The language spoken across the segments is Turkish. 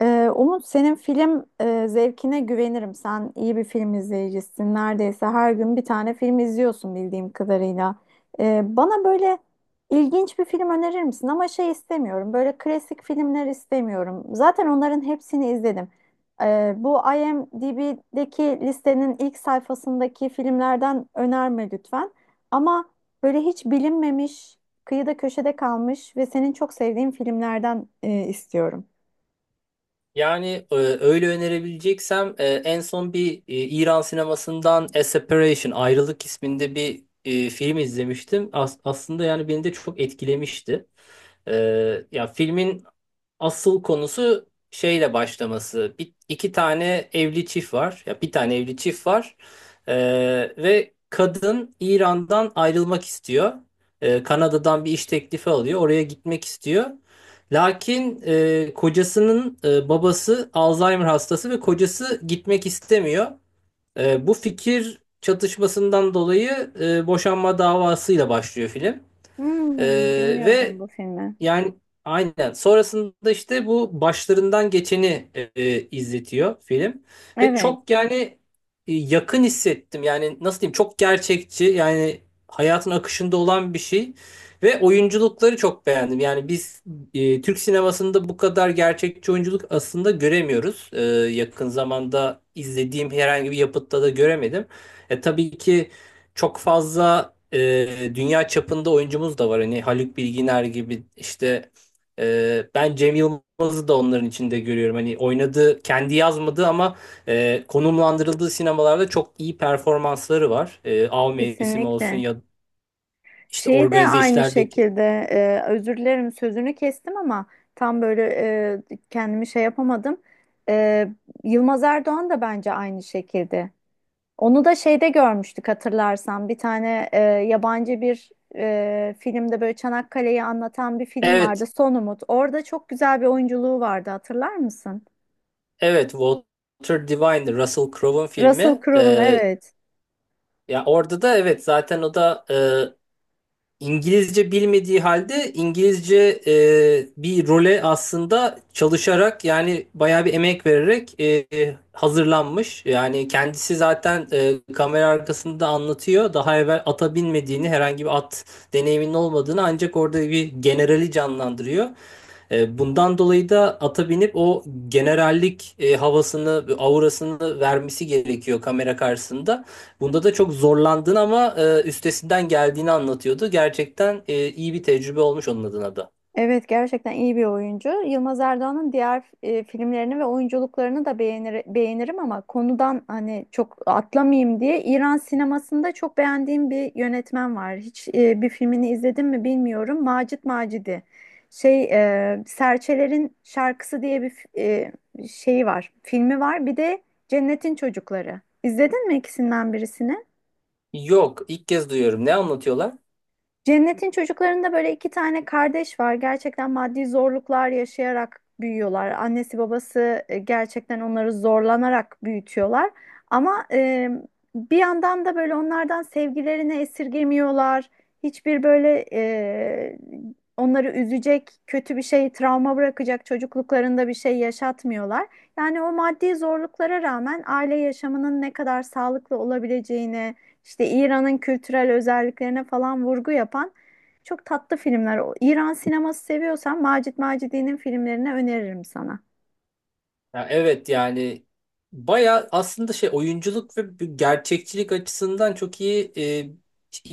Umut, senin film zevkine güvenirim. Sen iyi bir film izleyicisin. Neredeyse her gün bir tane film izliyorsun bildiğim kadarıyla. Bana böyle ilginç bir film önerir misin? Ama şey istemiyorum. Böyle klasik filmler istemiyorum. Zaten onların hepsini izledim. Bu IMDb'deki listenin ilk sayfasındaki filmlerden önerme lütfen. Ama böyle hiç bilinmemiş, kıyıda köşede kalmış ve senin çok sevdiğin filmlerden istiyorum. Yani öyle önerebileceksem en son bir İran sinemasından A Separation Ayrılık isminde bir film izlemiştim. Aslında yani beni de çok etkilemişti. E, Ya filmin asıl konusu şeyle başlaması. İki tane evli çift var. Ya bir tane evli çift var. Ee, Ve kadın İran'dan ayrılmak istiyor. Kanada'dan bir iş teklifi alıyor. Oraya gitmek istiyor. Lakin kocasının babası Alzheimer hastası ve kocası gitmek istemiyor. Bu fikir çatışmasından dolayı boşanma davasıyla başlıyor film. E, Hmm, bilmiyordum Ve bu filmi. yani aynen. Sonrasında işte bu başlarından geçeni izletiyor film. Ve Evet, çok yani yakın hissettim. Yani nasıl diyeyim çok gerçekçi yani hayatın akışında olan bir şey. Ve oyunculukları çok beğendim. Yani biz Türk sinemasında bu kadar gerçekçi oyunculuk aslında göremiyoruz. Yakın zamanda izlediğim herhangi bir yapıtta da göremedim. Tabii ki çok fazla dünya çapında oyuncumuz da var. Hani Haluk Bilginer gibi işte ben Cem Yılmaz'ı da onların içinde görüyorum. Hani oynadığı, kendi yazmadığı ama konumlandırıldığı sinemalarda çok iyi performansları var. Av Mevsimi olsun kesinlikle. ya işte Şeyi de organize aynı işlerdeki. şekilde, özür dilerim sözünü kestim ama tam böyle kendimi şey yapamadım. E, Yılmaz Erdoğan da bence aynı şekilde. Onu da şeyde görmüştük, hatırlarsan. Bir tane yabancı bir filmde böyle Çanakkale'yi anlatan bir film vardı. Evet, Son Umut. Orada çok güzel bir oyunculuğu vardı, hatırlar mısın? evet Walter Divine, Russell Crowe'un Russell filmi. Crowe'un, evet. Ya orada da evet zaten o da İngilizce bilmediği halde İngilizce bir role aslında çalışarak yani bayağı bir emek vererek hazırlanmış. Yani kendisi zaten kamera arkasında anlatıyor. Daha evvel ata binmediğini, herhangi bir at deneyiminin olmadığını ancak orada bir generali canlandırıyor. Bundan dolayı da ata binip o generallik havasını, aurasını vermesi gerekiyor kamera karşısında. Bunda da çok zorlandığını ama üstesinden geldiğini anlatıyordu. Gerçekten iyi bir tecrübe olmuş onun adına da. Evet, gerçekten iyi bir oyuncu. Yılmaz Erdoğan'ın diğer filmlerini ve oyunculuklarını da beğenirim, ama konudan hani çok atlamayayım diye, İran sinemasında çok beğendiğim bir yönetmen var. Hiç bir filmini izledim mi bilmiyorum. Macit Macidi. Serçelerin Şarkısı diye bir şeyi var. Filmi var. Bir de Cennetin Çocukları. İzledin mi ikisinden birisini? Yok, ilk kez duyuyorum. Ne anlatıyorlar? Cennet'in çocuklarında böyle iki tane kardeş var. Gerçekten maddi zorluklar yaşayarak büyüyorlar. Annesi babası gerçekten onları zorlanarak büyütüyorlar. Ama bir yandan da böyle onlardan sevgilerini esirgemiyorlar. Hiçbir böyle onları üzecek, kötü bir şey, travma bırakacak çocukluklarında bir şey yaşatmıyorlar. Yani o maddi zorluklara rağmen aile yaşamının ne kadar sağlıklı olabileceğini, işte İran'ın kültürel özelliklerine falan vurgu yapan çok tatlı filmler. İran sineması seviyorsan Macit Macidi'nin filmlerini öneririm sana. Ya evet yani baya aslında şey oyunculuk ve bir gerçekçilik açısından çok iyi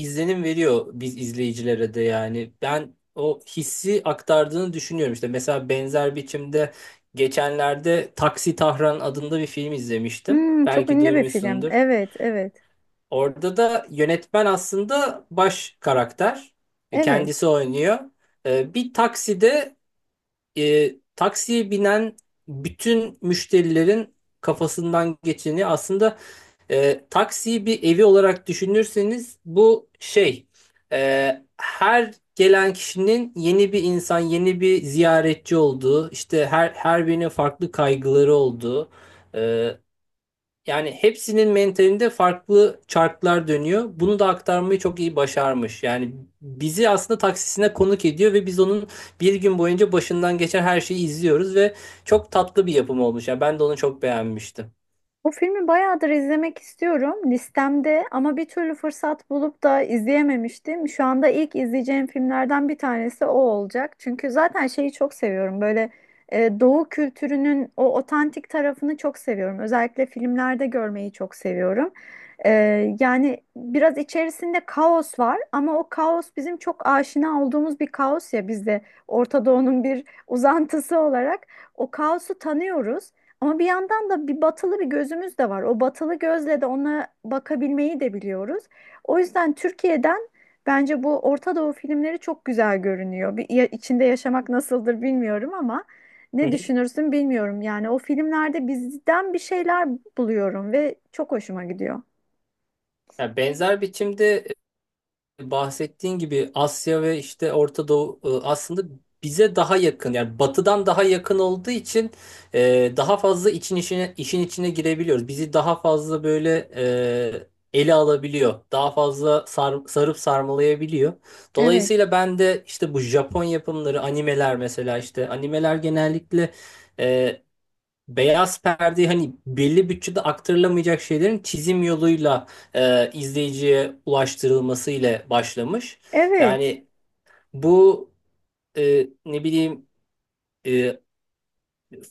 izlenim veriyor biz izleyicilere de yani. Ben o hissi aktardığını düşünüyorum işte. Mesela benzer biçimde geçenlerde Taksi Tahran adında bir film izlemiştim. Hmm, çok Belki ünlü bir film. duymuşsundur. Evet, evet, Orada da yönetmen aslında baş karakter. Kendisi evet. oynuyor. Bir takside taksiye binen bütün müşterilerin kafasından geçeni aslında taksiyi bir evi olarak düşünürseniz bu şey her gelen kişinin yeni bir insan, yeni bir ziyaretçi olduğu, işte her birinin farklı kaygıları olduğu e, yani hepsinin mentalinde farklı çarklar dönüyor. Bunu da aktarmayı çok iyi başarmış. Yani bizi aslında taksisine konuk ediyor ve biz onun bir gün boyunca başından geçen her şeyi izliyoruz ve çok tatlı bir yapım olmuş. Yani ben de onu çok beğenmiştim. Bu filmi bayağıdır izlemek istiyorum listemde ama bir türlü fırsat bulup da izleyememiştim. Şu anda ilk izleyeceğim filmlerden bir tanesi o olacak. Çünkü zaten şeyi çok seviyorum, böyle, Doğu kültürünün o otantik tarafını çok seviyorum. Özellikle filmlerde görmeyi çok seviyorum. Yani biraz içerisinde kaos var ama o kaos bizim çok aşina olduğumuz bir kaos, ya biz de Orta Doğu'nun bir uzantısı olarak o kaosu tanıyoruz. Ama bir yandan da bir batılı bir gözümüz de var. O batılı gözle de ona bakabilmeyi de biliyoruz. O yüzden Türkiye'den bence bu Orta Doğu filmleri çok güzel görünüyor. İçinde yaşamak nasıldır bilmiyorum ama Hı ne hı. düşünürsün bilmiyorum. Yani o filmlerde bizden bir şeyler buluyorum ve çok hoşuma gidiyor. Yani benzer biçimde bahsettiğin gibi Asya ve işte Orta Doğu aslında bize daha yakın yani batıdan daha yakın olduğu için daha fazla için işine, işin içine girebiliyoruz. Bizi daha fazla böyle ele alabiliyor. Daha fazla sarıp sarmalayabiliyor. Evet. Dolayısıyla ben de işte bu Japon yapımları, animeler mesela işte animeler genellikle e, beyaz perde hani belli bütçede aktarılamayacak şeylerin çizim yoluyla izleyiciye ulaştırılması ile başlamış. Evet. Yani bu ne bileyim e,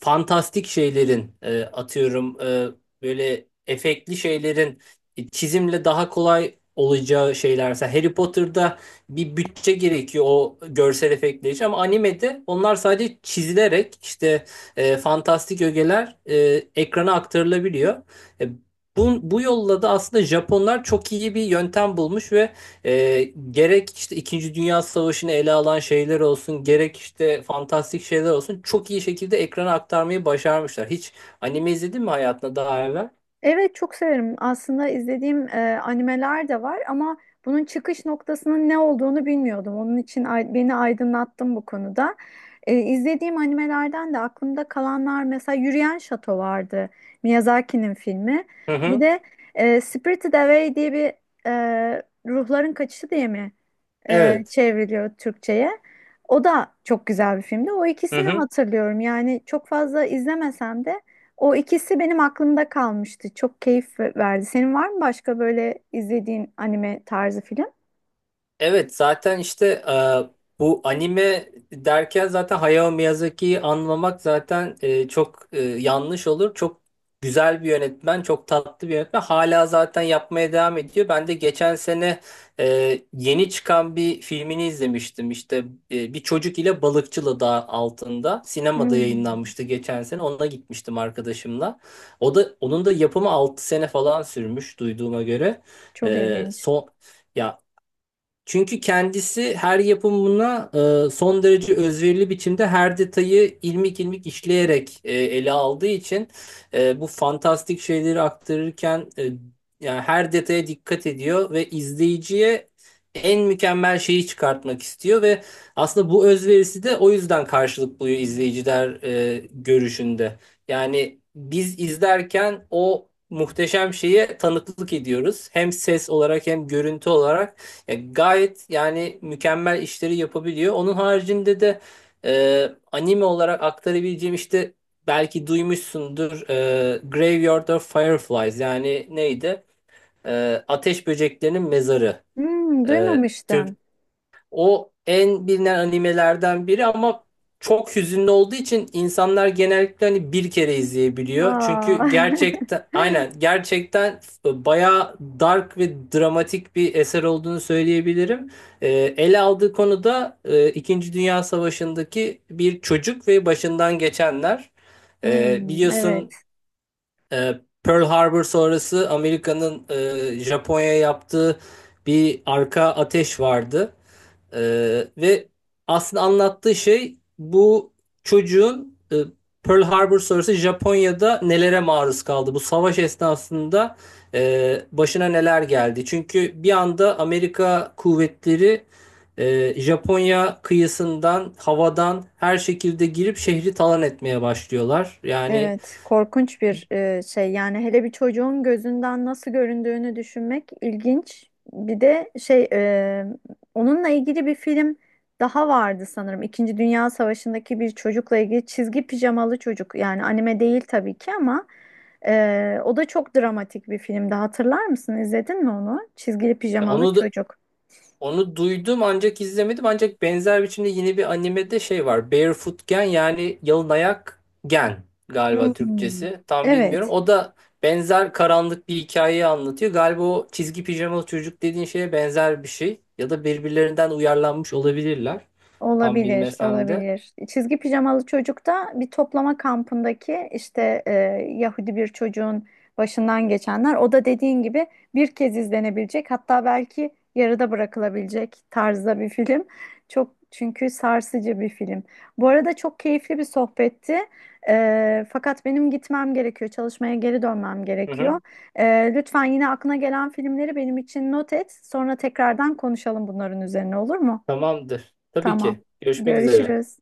fantastik şeylerin atıyorum böyle efektli şeylerin çizimle daha kolay olacağı şeylerse Harry Potter'da bir bütçe gerekiyor o görsel efektler için ama animede onlar sadece çizilerek işte fantastik ögeler ekrana aktarılabiliyor. E, bu yolla da aslında Japonlar çok iyi bir yöntem bulmuş ve e, gerek işte İkinci Dünya Savaşı'nı ele alan şeyler olsun, gerek işte fantastik şeyler olsun çok iyi şekilde ekrana aktarmayı başarmışlar. Hiç anime izledin mi hayatında daha evvel? Evet, çok severim. Aslında izlediğim animeler de var ama bunun çıkış noktasının ne olduğunu bilmiyordum. Onun için beni aydınlattın bu konuda. İzlediğim animelerden de aklımda kalanlar mesela Yürüyen Şato vardı. Miyazaki'nin filmi. Hı Bir hı. de Spirited Away diye bir, ruhların kaçışı diye mi Evet. çevriliyor Türkçe'ye. O da çok güzel bir filmdi. O Hı ikisini hı. hatırlıyorum. Yani çok fazla izlemesem de o ikisi benim aklımda kalmıştı. Çok keyif verdi. Senin var mı başka böyle izlediğin anime tarzı film? Evet zaten işte bu anime derken zaten Hayao Miyazaki'yi anlamak zaten çok yanlış olur. Çok güzel bir yönetmen, çok tatlı bir yönetmen. Hala zaten yapmaya devam ediyor. Ben de geçen sene yeni çıkan bir filmini izlemiştim. İşte bir çocuk ile balıkçılı dağ altında sinemada Hmm, yayınlanmıştı geçen sene. Ona gitmiştim arkadaşımla. O da onun da yapımı 6 sene falan sürmüş duyduğuma göre. çok ilginç. Son ya çünkü kendisi her yapımına son derece özverili biçimde her detayı ilmik ilmik işleyerek ele aldığı için bu fantastik şeyleri aktarırken yani her detaya dikkat ediyor ve izleyiciye en mükemmel şeyi çıkartmak istiyor ve aslında bu özverisi de o yüzden karşılık buluyor izleyiciler görüşünde. Yani biz izlerken o muhteşem şeye tanıklık ediyoruz. Hem ses olarak hem görüntü olarak. Gayet yani mükemmel işleri yapabiliyor. Onun haricinde de anime olarak aktarabileceğim işte belki duymuşsundur Graveyard of Fireflies yani neydi? Ateş Böceklerinin Mezarı. Hmm, E, duymamıştım. O en bilinen animelerden biri ama çok hüzünlü olduğu için insanlar genellikle hani bir kere izleyebiliyor. Çünkü Aa. gerçekten aynen gerçekten bayağı dark ve dramatik bir eser olduğunu söyleyebilirim. Ee, Ele aldığı konu da İkinci Dünya Savaşı'ndaki bir çocuk ve başından geçenler. Hmm, Biliyorsun evet, Pearl Harbor sonrası Amerika'nın Japonya'ya yaptığı bir arka ateş vardı. Ve aslında anlattığı şey bu çocuğun Pearl Harbor sonrası Japonya'da nelere maruz kaldı. Bu savaş esnasında başına neler geldi. Çünkü bir anda Amerika kuvvetleri Japonya kıyısından, havadan her şekilde girip şehri talan etmeye başlıyorlar. Yani evet. Korkunç bir şey. Yani hele bir çocuğun gözünden nasıl göründüğünü düşünmek ilginç. Bir de onunla ilgili bir film daha vardı sanırım. İkinci Dünya Savaşı'ndaki bir çocukla ilgili, çizgi pijamalı çocuk. Yani anime değil tabii ki ama o da çok dramatik bir filmdi. Hatırlar mısın? İzledin mi onu? Çizgili pijamalı onu da çocuk. Onu duydum ancak izlemedim. Ancak benzer biçimde yine bir animede şey var. Barefoot Gen yani yalın ayak gen galiba Hmm, Türkçesi. Tam bilmiyorum. evet. O da benzer karanlık bir hikayeyi anlatıyor. Galiba o çizgi pijamalı çocuk dediğin şeye benzer bir şey. Ya da birbirlerinden uyarlanmış olabilirler. Tam Olabilir, bilmesem de. olabilir. Çizgi pijamalı çocuk da bir toplama kampındaki işte Yahudi bir çocuğun başından geçenler. O da dediğin gibi bir kez izlenebilecek, hatta belki yarıda bırakılabilecek tarzda bir film. Çok, çünkü sarsıcı bir film. Bu arada çok keyifli bir sohbetti. Fakat benim gitmem gerekiyor, çalışmaya geri dönmem Hı gerekiyor. hı. E, Lütfen yine aklına gelen filmleri benim için not et. Sonra tekrardan konuşalım bunların üzerine, olur mu? Tamamdır. Tabii ki. Tamam. Görüşmek üzere. Görüşürüz.